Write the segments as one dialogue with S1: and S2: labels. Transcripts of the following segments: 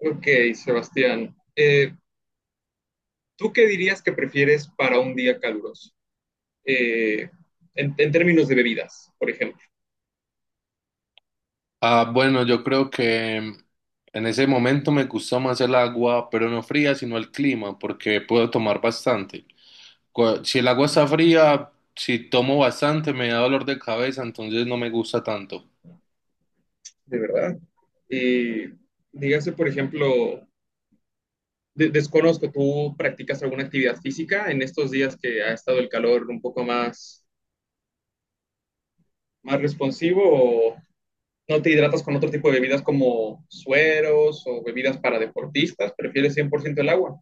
S1: Ok, Sebastián. ¿Tú qué dirías que prefieres para un día caluroso? Eh, en términos de bebidas, por ejemplo,
S2: Ah, bueno, yo creo que en ese momento me gustó más el agua, pero no fría, sino el clima, porque puedo tomar bastante. Si el agua está fría, si tomo bastante, me da dolor de cabeza, entonces no me gusta tanto.
S1: de verdad. Eh, dígase, por ejemplo, desconozco, ¿tú practicas alguna actividad física en estos días que ha estado el calor un poco más, más responsivo o no te hidratas con otro tipo de bebidas como sueros o bebidas para deportistas? ¿Prefieres 100% el agua?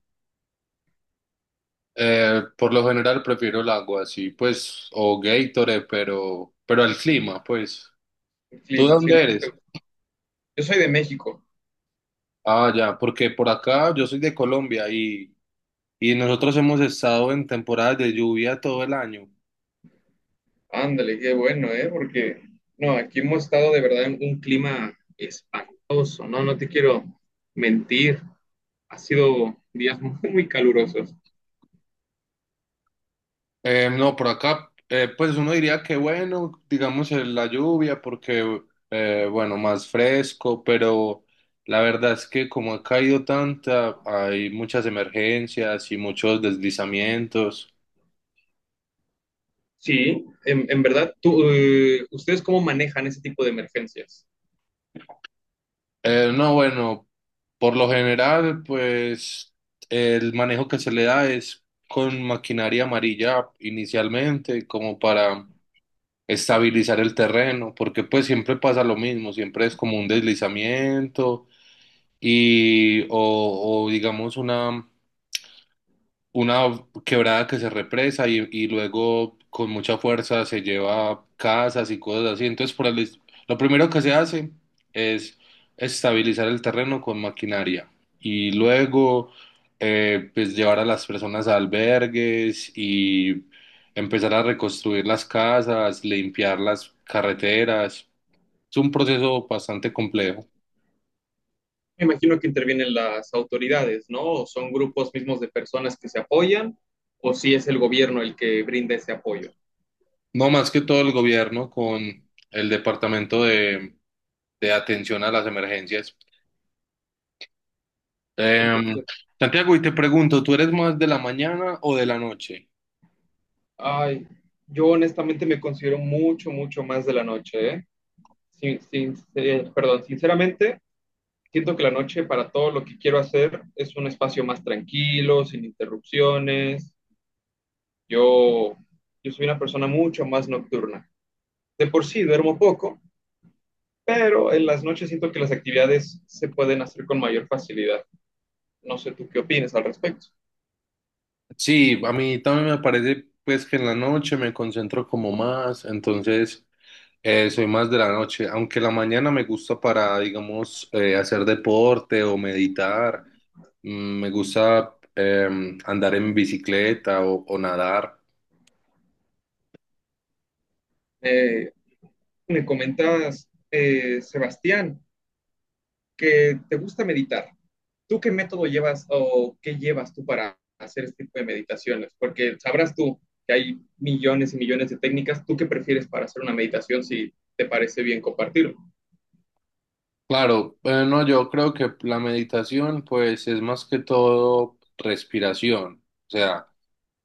S2: Por lo general prefiero el agua, sí, pues, o Gatorade, pero el clima, pues.
S1: El
S2: ¿Tú de
S1: clima, sí, no,
S2: dónde
S1: no.
S2: eres?
S1: Yo soy de México.
S2: Ah, ya, porque por acá yo soy de Colombia y nosotros hemos estado en temporadas de lluvia todo el año.
S1: Ándale, qué bueno, ¿eh? Porque no, aquí hemos estado de verdad en un clima espantoso, ¿no? No te quiero mentir, ha sido días muy calurosos.
S2: No, por acá, pues uno diría que bueno, digamos la lluvia, porque bueno, más fresco, pero la verdad es que como ha caído tanta, hay muchas emergencias y muchos deslizamientos.
S1: Sí, en verdad, tú, ¿ustedes cómo manejan ese tipo de emergencias?
S2: No, bueno, por lo general, pues el manejo que se le da es con maquinaria amarilla inicialmente, como para estabilizar el terreno, porque pues siempre pasa lo mismo, siempre es como un deslizamiento y o digamos una quebrada que se represa y luego con mucha fuerza se lleva casas y cosas así. Entonces, lo primero que se hace es estabilizar el terreno con maquinaria y luego pues llevar a las personas a albergues y empezar a reconstruir las casas, limpiar las carreteras. Es un proceso bastante complejo.
S1: Me imagino que intervienen las autoridades, ¿no? ¿O son grupos mismos de personas que se apoyan, o si es el gobierno el que brinda ese apoyo?
S2: No, más que todo el gobierno con el Departamento de Atención a las Emergencias.
S1: Porque
S2: Em, Santiago, y te pregunto, ¿tú eres más de la mañana o de la noche?
S1: ay, yo honestamente me considero mucho, mucho más de la noche, ¿eh? Perdón, sinceramente, siento que la noche para todo lo que quiero hacer es un espacio más tranquilo, sin interrupciones. Yo, yo soy una persona mucho más nocturna. De por sí duermo poco, pero en las noches siento que las actividades se pueden hacer con mayor facilidad. No sé tú qué opinas al respecto.
S2: Sí, a mí también me parece pues que en la noche me concentro como más, entonces soy más de la noche, aunque la mañana me gusta para, digamos, hacer deporte o meditar, me gusta andar en bicicleta o nadar.
S1: Eh, me comentabas, Sebastián, que te gusta meditar. ¿Tú qué método llevas o qué llevas tú para hacer este tipo de meditaciones? Porque sabrás tú que hay millones y millones de técnicas. ¿Tú qué prefieres para hacer una meditación si te parece bien compartirlo?
S2: Claro, bueno, no, yo creo que la meditación pues es más que todo respiración, o sea,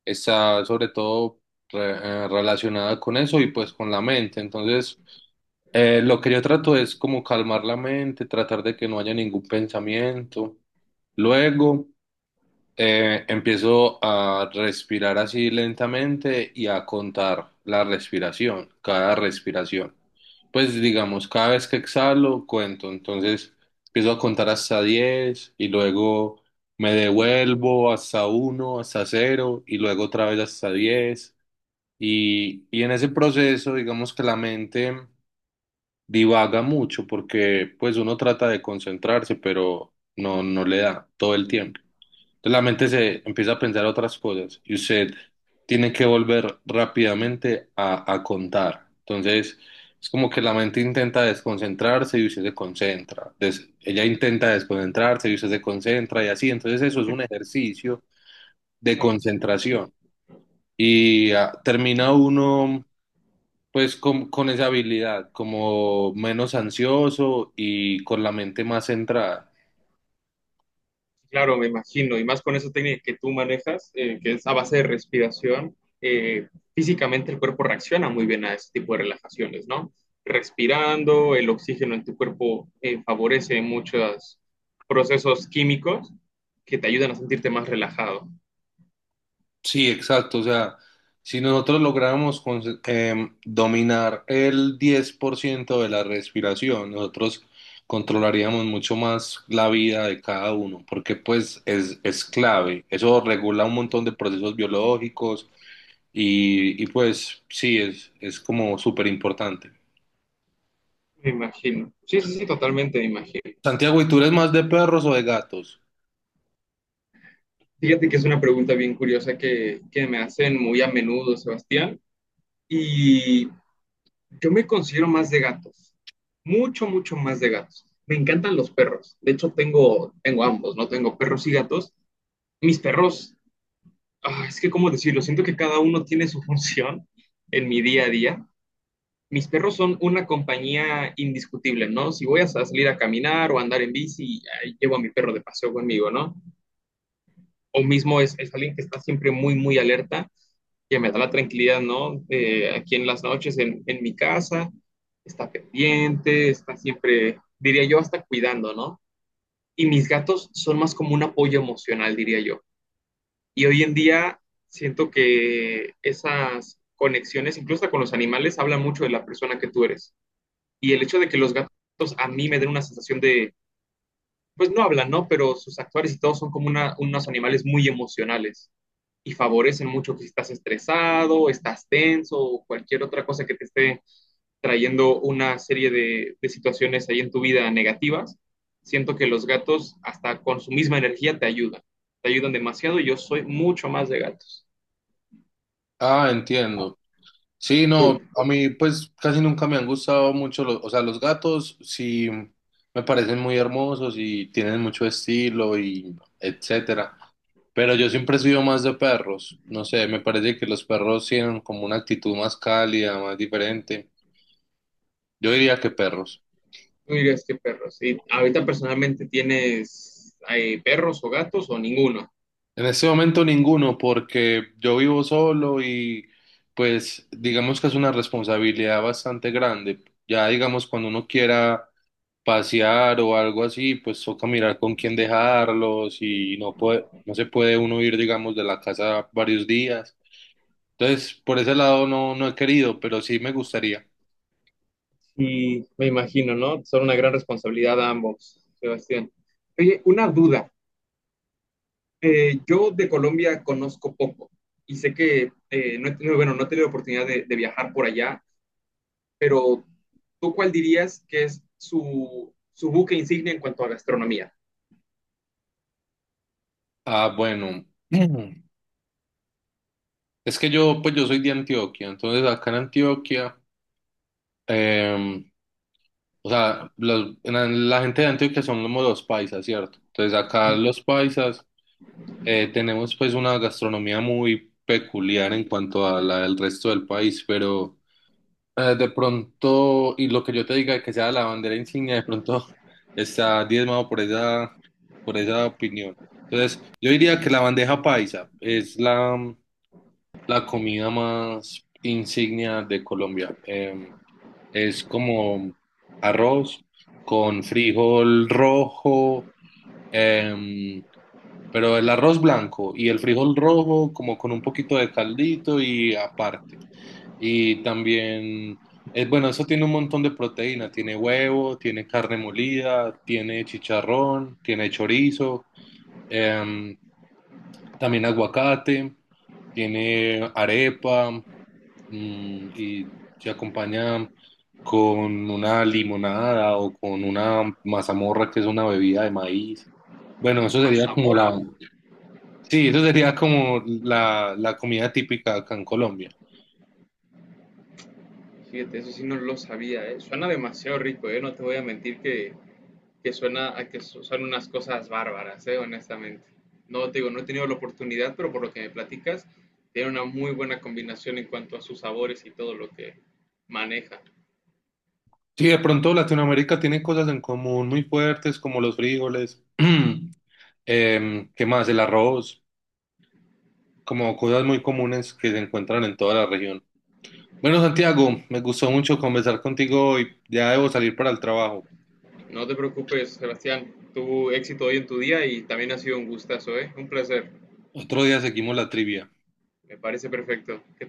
S2: está sobre todo re- relacionada con eso y pues con la mente. Entonces, lo que yo trato es como calmar la mente, tratar de que no haya ningún pensamiento. Luego, empiezo a respirar así lentamente y a contar la respiración, cada respiración. Pues digamos, cada vez que exhalo, cuento. Entonces empiezo a contar hasta 10 y luego me devuelvo hasta uno, hasta cero y luego otra vez hasta 10. Y en ese proceso, digamos que la mente divaga mucho porque pues uno trata de concentrarse, pero no, no le da todo el tiempo. Entonces la mente se empieza a pensar otras cosas y usted tiene que volver rápidamente a contar. Entonces es como que la mente intenta desconcentrarse y usted se concentra. Ella intenta desconcentrarse y usted se concentra y así. Entonces eso es un ejercicio de concentración y ah, termina uno pues con esa habilidad como menos ansioso y con la mente más centrada.
S1: Claro, me imagino, y más con esa técnica que tú manejas, que es a base de respiración. Físicamente el cuerpo reacciona muy bien a ese tipo de relajaciones, ¿no? Respirando, el oxígeno en tu cuerpo favorece muchos procesos químicos que te ayudan a sentirte más relajado.
S2: Sí, exacto. O sea, si nosotros lográramos dominar el 10% de la respiración, nosotros controlaríamos mucho más la vida de cada uno, porque pues es clave. Eso regula un montón de procesos biológicos y, pues sí, es como súper importante.
S1: Me imagino. Sí, sí, sí, totalmente me imagino.
S2: Santiago, ¿y tú eres más de perros o de gatos?
S1: Fíjate que es una pregunta bien curiosa que me hacen muy a menudo, Sebastián. Y yo me considero más de gatos. Mucho, mucho más de gatos. Me encantan los perros. De hecho, tengo ambos, ¿no? Tengo perros y gatos. Mis perros, ah, es que, ¿cómo decirlo? Siento que cada uno tiene su función en mi día a día. Mis perros son una compañía indiscutible, ¿no? Si voy a salir a caminar o a andar en bici, ahí llevo a mi perro de paseo conmigo, ¿no? O mismo es alguien que está siempre muy, muy alerta, que me da la tranquilidad, ¿no? Aquí en las noches, en mi casa, está pendiente, está siempre, diría yo, hasta cuidando, ¿no? Y mis gatos son más como un apoyo emocional, diría yo. Y hoy en día siento que esas conexiones, incluso hasta con los animales, hablan mucho de la persona que tú eres. Y el hecho de que los gatos a mí me den una sensación de pues no hablan, ¿no? Pero sus actores y todos son como unos animales muy emocionales y favorecen mucho que si estás estresado, estás tenso o cualquier otra cosa que te esté trayendo una serie de situaciones ahí en tu vida negativas. Siento que los gatos, hasta con su misma energía, te ayudan. Te ayudan demasiado y yo soy mucho más de gatos.
S2: Ah, entiendo. Sí, no,
S1: Tú,
S2: a mí pues casi nunca me han gustado mucho los, o sea, los gatos sí me parecen muy hermosos y tienen mucho estilo y etcétera, pero yo siempre he sido más de perros, no sé, me parece que los perros tienen como una actitud más cálida, más diferente, yo diría que perros.
S1: tú dirías que perros. ¿Y ahorita personalmente tienes perros o gatos o ninguno?
S2: En este momento ninguno, porque yo vivo solo y pues digamos que es una responsabilidad bastante grande, ya digamos cuando uno quiera pasear o algo así, pues toca mirar con quién dejarlos y no puede, no se puede uno ir, digamos, de la casa varios días. Entonces, por ese lado no, no he querido, pero sí me gustaría.
S1: Y me imagino, ¿no? Son una gran responsabilidad a ambos, Sebastián. Oye, una duda. Yo de Colombia conozco poco y sé que no he tenido, bueno, no he tenido oportunidad de viajar por allá, pero ¿tú cuál dirías que es su, su buque insignia en cuanto a gastronomía?
S2: Ah, bueno, es que yo, pues yo soy de Antioquia, entonces acá en Antioquia, em, o sea, en la gente de Antioquia son como los paisas, ¿cierto? Entonces acá los paisas tenemos pues una gastronomía muy peculiar en cuanto a la del resto del país, pero. De pronto, y lo que yo te diga que sea la bandera insignia, de pronto está diezmado por esa opinión. Entonces, yo diría que la bandeja paisa es la, la comida más insignia de Colombia. Es como arroz con frijol rojo, eh, pero el arroz blanco y el frijol rojo como con un poquito de caldito y aparte. Y también, bueno, eso tiene un montón de proteína. Tiene huevo, tiene carne molida, tiene chicharrón, tiene chorizo, em, también aguacate, tiene arepa, y se acompaña con una limonada o con una mazamorra, que es una bebida de maíz. Bueno, eso sería como
S1: Mazamorra.
S2: la, sí, eso sería como la comida típica acá en Colombia.
S1: Fíjate, eso sí no lo sabía, ¿eh? Suena demasiado rico, ¿eh? No te voy a mentir que suena a que son unas cosas bárbaras, honestamente. No te digo, no he tenido la oportunidad, pero por lo que me platicas, tiene una muy buena combinación en cuanto a sus sabores y todo lo que maneja.
S2: Sí, de pronto Latinoamérica tiene cosas en común muy fuertes como los frijoles, ¿qué más? El arroz, como cosas muy comunes que se encuentran en toda la región. Bueno, Santiago, me gustó mucho conversar contigo hoy. Ya debo salir para el trabajo.
S1: No te preocupes, Sebastián. Tuvo éxito hoy en tu día y también ha sido un gustazo, ¿eh? Un placer.
S2: Otro día seguimos la trivia.
S1: Me parece perfecto. Que